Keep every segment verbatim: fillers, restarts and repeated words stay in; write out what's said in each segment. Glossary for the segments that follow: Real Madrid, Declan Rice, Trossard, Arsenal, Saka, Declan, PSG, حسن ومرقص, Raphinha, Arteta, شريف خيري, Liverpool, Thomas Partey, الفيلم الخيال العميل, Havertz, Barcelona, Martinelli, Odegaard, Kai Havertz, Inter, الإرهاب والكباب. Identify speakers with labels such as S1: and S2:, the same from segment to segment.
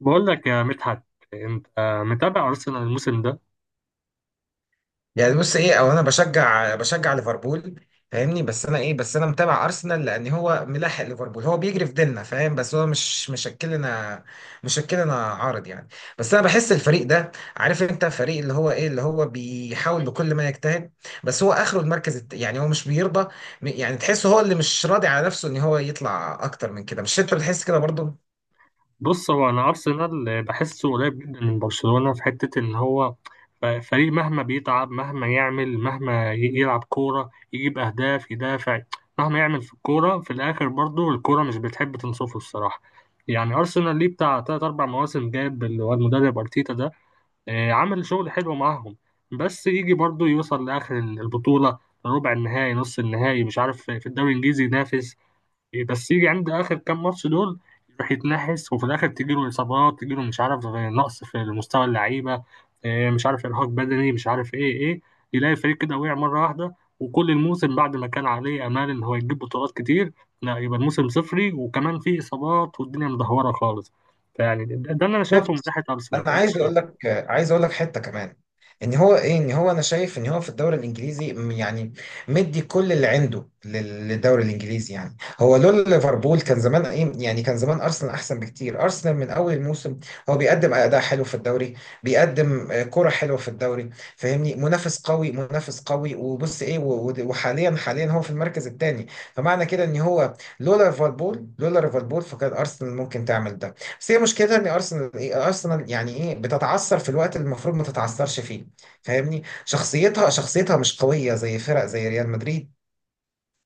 S1: بقول لك يا مدحت، انت متابع ارسنال الموسم ده؟
S2: يعني بص ايه. او انا بشجع بشجع ليفربول، فاهمني؟ بس انا ايه بس انا متابع ارسنال لان هو ملاحق ليفربول، هو بيجري في ديلنا، فاهم؟ بس هو مش مشكلنا، مشكلنا عارض يعني. بس انا بحس الفريق ده، عارف انت، فريق اللي هو ايه اللي هو بيحاول بكل ما يجتهد، بس هو اخره المركز الت- يعني هو مش بيرضى. يعني تحسه هو اللي مش راضي على نفسه ان هو يطلع اكتر من كده. مش انت بتحس كده برضه؟
S1: بص، هو انا ارسنال بحسه قريب جدا من برشلونة في حتة ان هو فريق مهما بيتعب، مهما يعمل، مهما ي- يلعب كورة، يجيب اهداف، يدافع، مهما يعمل في الكورة، في الاخر برضو الكورة مش بتحب تنصفه الصراحة. يعني ارسنال ليه بتاع تلات اربع مواسم جاب اللي هو المدرب ارتيتا ده. آه، عمل شغل حلو معاهم، بس يجي برضو يوصل لاخر البطولة، ربع النهائي، نص النهائي، مش عارف، في الدوري الانجليزي ينافس. إيه، بس يجي عند اخر كام ماتش دول، يروح يتنحس، وفي الاخر تجيله اصابات، تجيله مش عارف، آه، نقص في مستوى اللعيبه، آه، مش عارف ارهاق بدني، مش عارف ايه ايه، يلاقي الفريق كده وقع مره واحده، وكل الموسم بعد ما كان عليه امال ان هو يجيب بطولات كتير، لا يبقى الموسم صفري، وكمان فيه اصابات والدنيا مدهوره خالص. فيعني ده ده اللي انا شايفه من
S2: بالظبط.
S1: ناحيه
S2: انا
S1: ارسنال. أنت
S2: عايز
S1: شايف-؟
S2: اقول لك، عايز اقول لك حته كمان، ان هو ايه ان هو انا شايف ان هو في الدوري الانجليزي م- يعني مدي كل اللي عنده لل- للدوري الانجليزي. يعني هو لولا ليفربول كان زمان ايه، يعني كان زمان ارسنال احسن بكتير. ارسنال من اول الموسم هو بيقدم اداء حلو في الدوري، بيقدم آه، كرة حلوه في الدوري، فاهمني؟ منافس قوي، منافس قوي. وبص ايه، و- و- وحاليا، حاليا هو في المركز الثاني. فمعنى كده ان هو، لولا ليفربول لولا ليفربول فكان ارسنال ممكن تعمل ده. بس هي مشكلتها ان ارسنال ايه، ارسنال يعني ايه، بتتعثر في الوقت اللي المفروض ما تتعثرش فيه، فاهمني؟ شخصيتها شخصيتها مش قويه زي فرق زي ريال مدريد،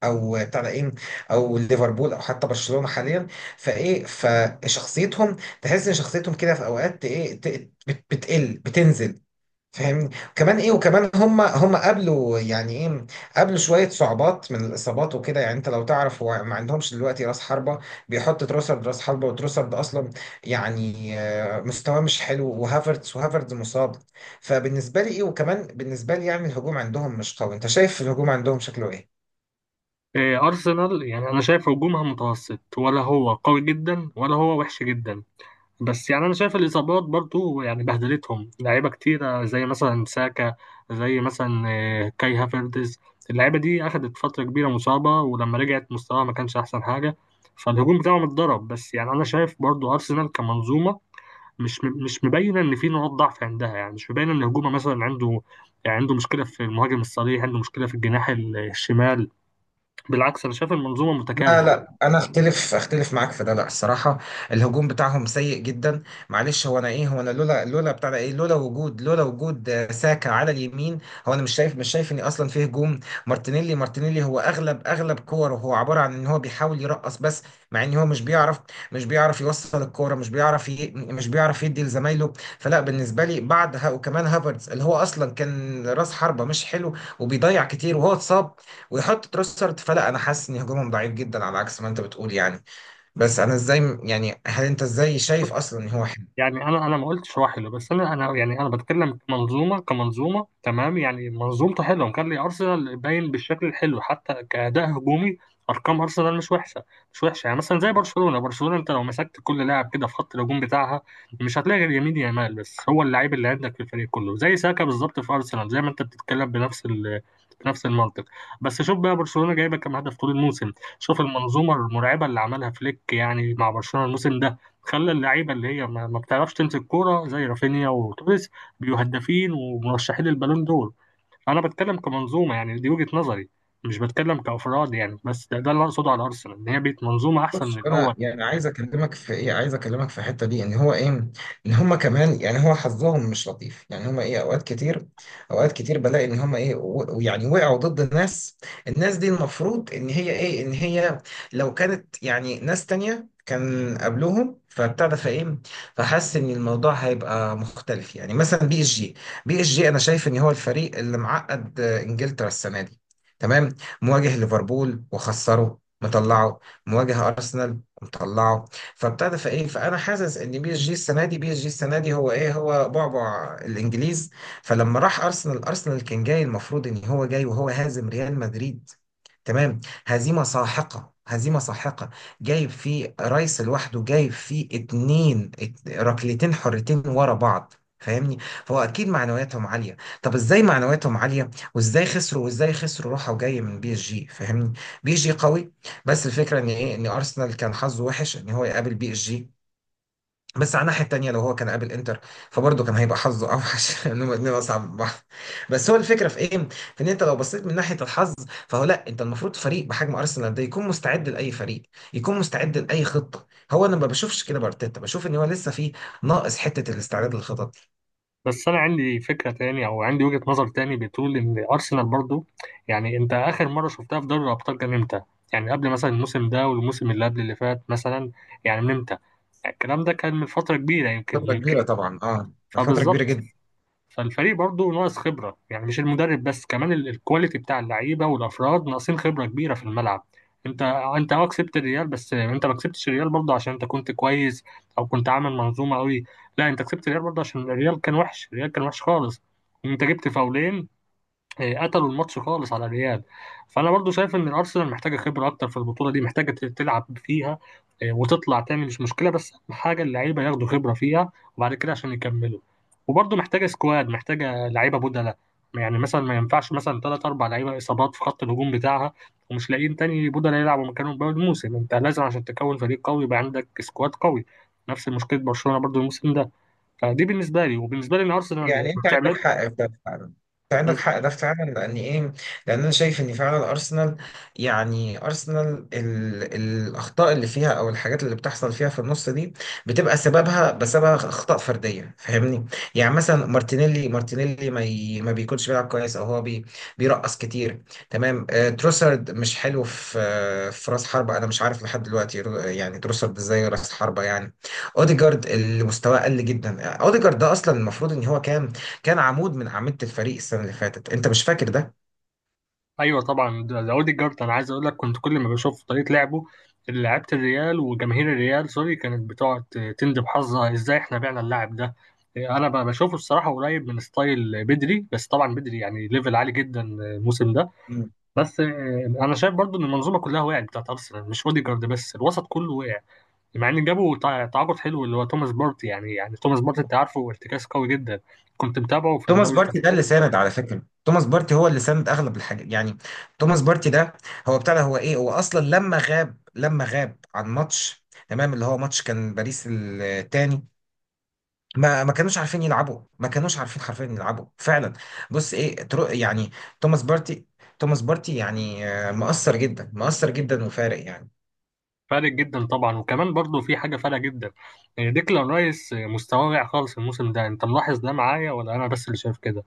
S2: او بتاع ده ايه، او ليفربول، او حتى برشلونه حاليا. فايه، فشخصيتهم، تحس ان شخصيتهم كده في اوقات ايه، ت- بت- بتقل، بتنزل، فاهمني؟ وكمان ايه، وكمان هم هم قابلوا يعني ايه، قابلوا شويه صعوبات من الاصابات وكده. يعني انت لو تعرف، هو ما عندهمش دلوقتي راس حربه، بيحط تروسرد راس حربه، وتروسرد اصلا يعني آه، مستواه مش حلو. وهافرتز وهافرتز مصاب. فبالنسبه لي ايه، وكمان بالنسبه لي يعني الهجوم عندهم مش قوي. انت شايف الهجوم عندهم شكله ايه؟
S1: آه، ارسنال يعني انا شايف هجومها متوسط، ولا هو قوي جدا ولا هو وحش جدا، بس يعني انا شايف الاصابات برضو يعني بهدلتهم، لعيبه كتيره زي مثلا ساكا، زي مثلا آه، كاي هافرتز، اللعيبه دي اخدت فتره كبيره مصابه، ولما رجعت مستواها ما كانش احسن حاجه، فالهجوم بتاعهم اتضرب. بس يعني انا شايف برضو ارسنال كمنظومه مش م- مش مبينه ان في نقاط ضعف عندها، يعني مش مبينه ان هجومها مثلا عنده، يعني عنده مشكله في المهاجم الصريح، عنده مشكله في الجناح ال- الشمال. بالعكس، انا شايف المنظومه
S2: لا
S1: متكامله.
S2: لا انا اختلف اختلف معاك في ده، لا الصراحه الهجوم بتاعهم سيء جدا. معلش، هو انا ايه، هو انا لولا لولا بتاع ده ايه، لولا وجود لولا وجود آه، ساكا على اليمين، هو انا مش شايف مش شايف ان اصلا فيه هجوم. مارتينيلي مارتينيلي هو اغلب اغلب كوره هو عباره عن ان هو بيحاول يرقص بس، مع ان هو مش بيعرف، مش بيعرف يوصل الكوره، مش بيعرف ي... مش بيعرف يدي لزمايله. فلا بالنسبه لي، بعد ها وكمان هافرتز اللي هو اصلا كان راس حربه مش حلو وبيضيع كتير وهو اتصاب ويحط تروسرد، فلا انا حاسس ان هجومهم ضعيف جدا على عكس ما انت بتقول يعني. بس انا ازاي يعني، هل انت ازاي شايف اصلا ان هو،
S1: يعني انا انا ما قلتش هو حلو، بس انا انا يعني انا بتكلم كمنظومه، كمنظومه تمام؟ يعني منظومته حلوه، كان لي ارسنال باين بالشكل الحلو حتى كاداء هجومي. ارقام ارسنال مش وحشه، مش وحشه. يعني مثلا زي برشلونه، برشلونه انت لو مسكت كل لاعب كده في خط الهجوم بتاعها مش هتلاقي غير يمين يامال، بس هو اللعيب اللي عندك في الفريق كله زي ساكا بالظبط في ارسنال، زي ما انت بتتكلم بنفس ال بنفس المنطق. بس شوف بقى برشلونه جايبه كام هدف طول الموسم. شوف المنظومه المرعبه اللي عملها فليك يعني مع برشلونه الموسم ده، خلى اللعيبه اللي هي ما ما بتعرفش تمسك كوره زي رافينيا وتوريس بيبقوا هدافين ومرشحين للبالون دول. انا بتكلم كمنظومه يعني، دي وجهه نظري، مش بتكلم كافراد يعني. بس ده, ده اللي اقصده على ارسنال، ان هي بقت منظومه احسن من
S2: بص
S1: الاول.
S2: انا يعني عايز اكلمك في ايه، عايز اكلمك في الحته دي، ان هو ايه، ان هم كمان يعني هو حظهم مش لطيف. يعني هم ايه اوقات كتير، اوقات كتير بلاقي ان هم ايه، و- ويعني وقعوا ضد ناس، الناس دي المفروض ان هي ايه، ان هي لو كانت يعني ناس تانية كان قبلهم، فبتاع ده فايه، فحس ان الموضوع هيبقى مختلف. يعني مثلا بي اس جي، بي اس جي انا شايف ان هو الفريق اللي معقد آه، انجلترا السنه دي، تمام؟ مواجه ليفربول وخسره مطلعه، مواجه ارسنال ومطلعه. فابتدى فايه، فانا حاسس ان بي اس جي السنه دي بي اس جي السنه دي هو ايه، هو بعبع الانجليز. فلما راح ارسنال، ارسنال كان جاي، المفروض ان هو جاي وهو هازم ريال مدريد، تمام؟ هزيمة ساحقة هزيمة ساحقة، جايب فيه رايس لوحده، جايب فيه اتنين ات- ركلتين حرتين ورا بعض، فاهمني؟ فهو اكيد معنوياتهم عاليه. طب ازاي معنوياتهم عاليه وازاي خسروا، وازاي خسروا راحه وجايه من بي اس جي، فاهمني؟ بي اس جي قوي. بس الفكره ان ايه، ان ارسنال كان حظه وحش ان هو يقابل بي اس جي. بس على الناحية التانية لو هو كان قابل انتر فبرضه كان هيبقى حظه اوحش لان هما الاتنين اصعب من بعض. بس هو الفكرة في ايه؟ في ان انت لو بصيت من ناحية الحظ، فهو لا، انت المفروض فريق بحجم ارسنال ده يكون مستعد لاي فريق، يكون مستعد لاي خطة. هو انا ما بشوفش كده بارتيتا، بشوف ان هو لسه فيه ناقص حتة الاستعداد للخطط.
S1: بس انا عندي فكره تاني، او عندي وجهه نظر تاني، بتقول ان ارسنال برضو يعني، انت اخر مره شفتها في دوري الابطال كان امتى؟ يعني قبل مثلا الموسم ده والموسم اللي قبل اللي فات مثلا، يعني من امتى؟ الكلام ده كان من فتره كبيره، يمكن
S2: فترة
S1: يمكن
S2: كبيرة طبعا اه، فترة كبيرة
S1: فبالظبط.
S2: جدا.
S1: فالفريق برضه ناقص خبرة، يعني مش المدرب بس، كمان ال- الكواليتي بتاع اللعيبة والأفراد ناقصين خبرة كبيرة في الملعب. انت انت اه كسبت الريال، بس انت ما كسبتش الريال برضه عشان انت كنت كويس او كنت عامل منظومة قوي. لا، انت كسبت الريال برضه عشان الريال كان وحش، الريال كان وحش خالص، انت جبت فاولين، آه، قتلوا الماتش خالص على الريال. فانا برضو شايف ان الارسنال محتاجه خبره اكتر في البطوله دي، محتاجه ت- تلعب فيها، آه، وتطلع تعمل مش مشكله، بس أهم حاجه اللعيبه ياخدوا خبره فيها وبعد كده عشان يكملوا. وبرضو محتاجه سكواد، محتاجه لعيبه بدلة، يعني مثلا ما ينفعش مثلا ثلاث اربع لعيبه اصابات في خط الهجوم بتاعها ومش لاقيين تاني بدلة يلعبوا مكانهم باقي الموسم. انت لازم عشان تكون فريق قوي يبقى عندك سكواد قوي، نفس مشكله برشلونه برضو الموسم ده. فدي بالنسبه لي، وبالنسبه لي ان ارسنال يعني
S2: يعني انت
S1: بتعمله.
S2: عندك حق في ده فعلا، انت عندك حق ده فعلا، لان ايه، لان انا شايف ان فعلا ارسنال يعني ارسنال ال... الاخطاء اللي فيها او الحاجات اللي بتحصل فيها في النص دي بتبقى سببها بسبب اخطاء فرديه، فاهمني؟ يعني مثلا مارتينيلي مارتينيلي ما, ي... ما بيكونش بيلعب كويس، او هو بي... بيرقص كتير، تمام؟ آه تروسارد مش حلو في آه في راس حربة، انا مش عارف لحد دلوقتي رو- يعني تروسارد ازاي راس حربة يعني. اوديجارد اللي مستواه قل جدا، اوديجارد ده اصلا المفروض ان هو كان كان عمود من اعمده الفريق السنه اللي فاتت، انت مش فاكر ده؟
S1: ايوه طبعا، ده ده اوديجارد، انا عايز اقول لك كنت كل ما بشوف طريقه لعبه، لعيبه الريال وجماهير الريال سوري كانت بتقعد تندب حظها ازاي احنا بعنا اللاعب ده. انا ب- بشوفه الصراحه قريب من ستايل بدري، بس طبعا بدري يعني ليفل عالي جدا الموسم ده.
S2: مم.
S1: بس آه، انا شايف برضو ان المنظومه كلها وقعت بتاعت ارسنال، مش اوديجارد بس، الوسط كله وقع، مع ان جابوا تع- تعاقد حلو اللي هو توماس بارتي. يعني يعني توماس بارتي انت عارفه ارتكاز قوي جدا، كنت متابعه في
S2: توماس
S1: الدوري
S2: بارتي ده اللي
S1: الاسباني.
S2: ساند، على فكره توماس بارتي هو اللي ساند اغلب الحاجات يعني. توماس بارتي ده، هو بتاع ده، هو ايه، هو اصلا لما غاب لما غاب عن ماتش، تمام؟ اللي هو ماتش كان باريس التاني، ما ما كانوش عارفين يلعبوا، ما كانوش عارفين حرفيا يلعبوا فعلا. بص ايه، ترو يعني، توماس بارتي توماس بارتي يعني آه، مؤثر جدا، مؤثر جدا وفارق يعني.
S1: فارق جدا طبعا، وكمان برضو في حاجة فارقة جدا، يعني ديكلان رايس مستواه واقع خالص الموسم ده، انت ملاحظ ده معايا ولا انا بس اللي شايف كده؟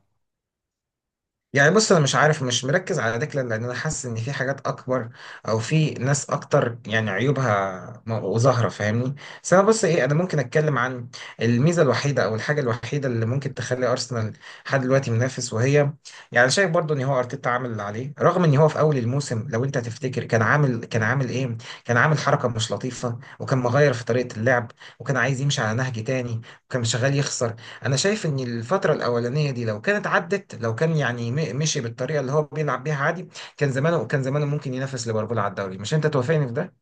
S2: يعني بص انا مش عارف، مش مركز على ديكلان لان انا حاسس ان في حاجات اكبر، او في ناس اكتر يعني عيوبها م- وظاهره، فاهمني؟ بس انا بص ايه، انا ممكن اتكلم عن الميزه الوحيده او الحاجه الوحيده اللي ممكن تخلي ارسنال لحد دلوقتي منافس، وهي يعني شايف برضو ان هو ارتيتا عامل اللي عليه. رغم ان هو في اول الموسم، لو انت تفتكر، كان عامل كان عامل ايه كان عامل حركه مش لطيفه، وكان مغير في طريقه اللعب، وكان عايز يمشي على نهج تاني، وكان شغال يخسر. انا شايف ان الفتره الاولانيه دي لو كانت عدت، لو كان يعني م- مشي بالطريقه اللي هو بيلعب بيها عادي، كان زمانه كان زمانه ممكن ينافس ليفربول على الدوري. مش انت توافقني في ده؟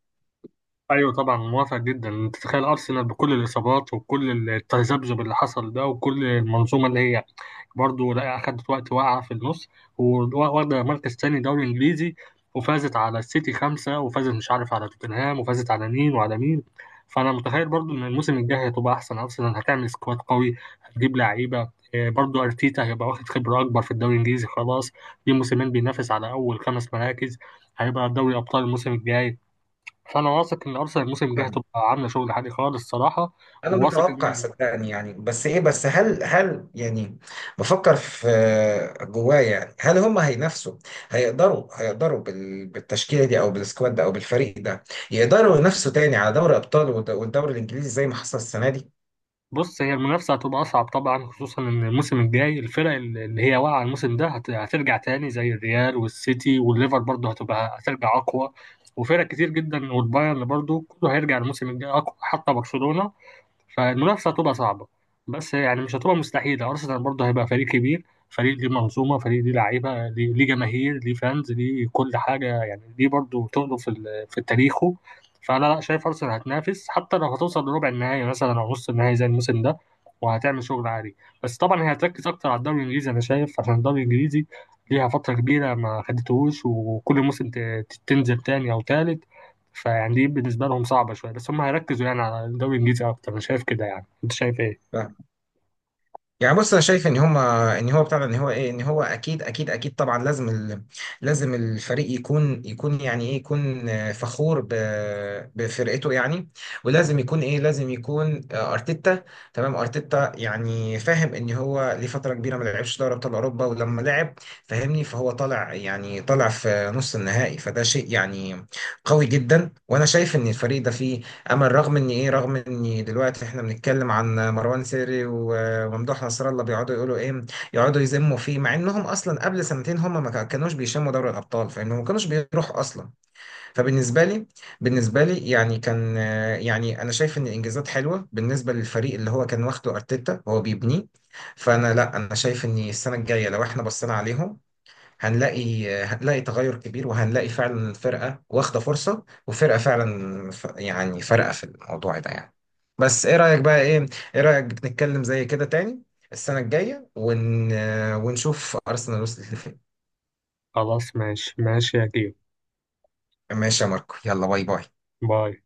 S1: ايوه طبعا، موافق جدا. انت تتخيل ارسنال بكل الاصابات وكل التذبذب اللي حصل ده وكل المنظومة اللي هي برضه لا أخدت وقت واقعة في النص، وواخدة مركز تاني دوري إنجليزي، وفازت على السيتي خمسة، وفازت مش عارف على توتنهام، وفازت على مين وعلى مين. فأنا متخيل برضه إن الموسم الجاي هتبقى أحسن، أرسنال هتعمل سكواد قوي، هتجيب لعيبة، آه، برضه أرتيتا هيبقى واخد خبرة أكبر في الدوري الإنجليزي. خلاص، دي موسمين بينافس على أول خمس مراكز، هيبقى دوري أبطال الموسم الجاي. فأنا واثق إن أرسنال الموسم الجاي
S2: فاهم.
S1: هتبقى عاملة شغل عالي خالص الصراحة،
S2: انا
S1: وواثق إن.
S2: متوقع صدقني يعني. بس ايه، بس هل هل يعني بفكر في جوايا، يعني هل هم هينافسوا، هيقدروا هيقدروا بال- بالتشكيله دي او بالسكواد ده او بالفريق ده يقدروا ينافسوا تاني على دوري ابطال والد- والدوري الانجليزي زي ما حصل السنه دي؟
S1: بص، هي المنافسة هتبقى أصعب طبعا، خصوصا إن الموسم الجاي الفرق اللي هي واقعة الموسم ده هت- هترجع تاني، زي الريال والسيتي والليفر برضه هتبقى هترجع أقوى، وفرق كتير جدا، والبايرن برضه كله هيرجع الموسم الجاي أقوى، حتى برشلونة. فالمنافسة هتبقى صعبة، بس يعني مش هتبقى مستحيلة، أرسنال برضه هيبقى فريق كبير، فريق ليه منظومة، فريق ليه لعيبة، ليه ليه جماهير، ليه فانز، ليه كل حاجة، يعني ليه برضه تقله في ال- في تاريخه. فأنا لا شايف أرسنال هتنافس، حتى لو هتوصل لربع النهائي مثلا أو نص النهائي زي الموسم ده، وهتعمل شغل عالي. بس طبعا هي هتركز أكتر على الدوري الإنجليزي أنا شايف، عشان الدوري الإنجليزي ليها فترة كبيرة ما خدتهوش، وكل موسم ت- تنزل تاني أو تالت، فيعني دي بالنسبة لهم صعبة شوية، بس هم هيركزوا يعني على الدوري الإنجليزي أكتر، أنا شايف كده يعني. أنت شايف إيه؟
S2: يعني بص انا شايف ان هما، ان هو بتاع ده، ان هو ايه، ان هو اكيد اكيد اكيد طبعا لازم ال... لازم الفريق يكون، يكون يعني ايه، يكون آه، فخور ب... بفرقته يعني. ولازم يكون ايه، لازم يكون آه، ارتيتا، تمام؟ ارتيتا يعني فاهم ان هو لفتره كبيره ما لعبش دوري ابطال اوروبا، ولما لعب، فاهمني، فهو طالع، يعني طالع في نص النهائي، فده شيء يعني قوي جدا. وانا شايف ان الفريق ده فيه امل، رغم ان ايه، رغم ان دلوقتي احنا بنتكلم عن مروان سيري وممدوح نصر الله بيقعدوا يقولوا ايه، يقعدوا يذموا فيه، مع انهم اصلا قبل سنتين هم ما كا- كانوش بيشموا دوري الابطال، فانهم ما كانوش بيروحوا اصلا. فبالنسبه لي، بالنسبه لي يعني كان آه، يعني انا شايف ان الانجازات حلوه بالنسبه للفريق اللي هو كان واخده ارتيتا، هو بيبنيه. فانا لا، انا شايف ان السنه الجايه لو احنا بصينا عليهم، هنلاقي هنلاقي تغير كبير، وهنلاقي فعلا الفرقة واخدة فرصة، وفرقة فعلا ف- يعني فارقة في الموضوع ده يعني. بس ايه رأيك بقى، ايه، ايه رأيك نتكلم زي كده تاني السنة الجاية ون... ونشوف أرسنال وصلت لفين؟
S1: خلاص، ماشي ماشي يا كيو.
S2: ماشي يا ماركو، يلا باي باي.
S1: باي.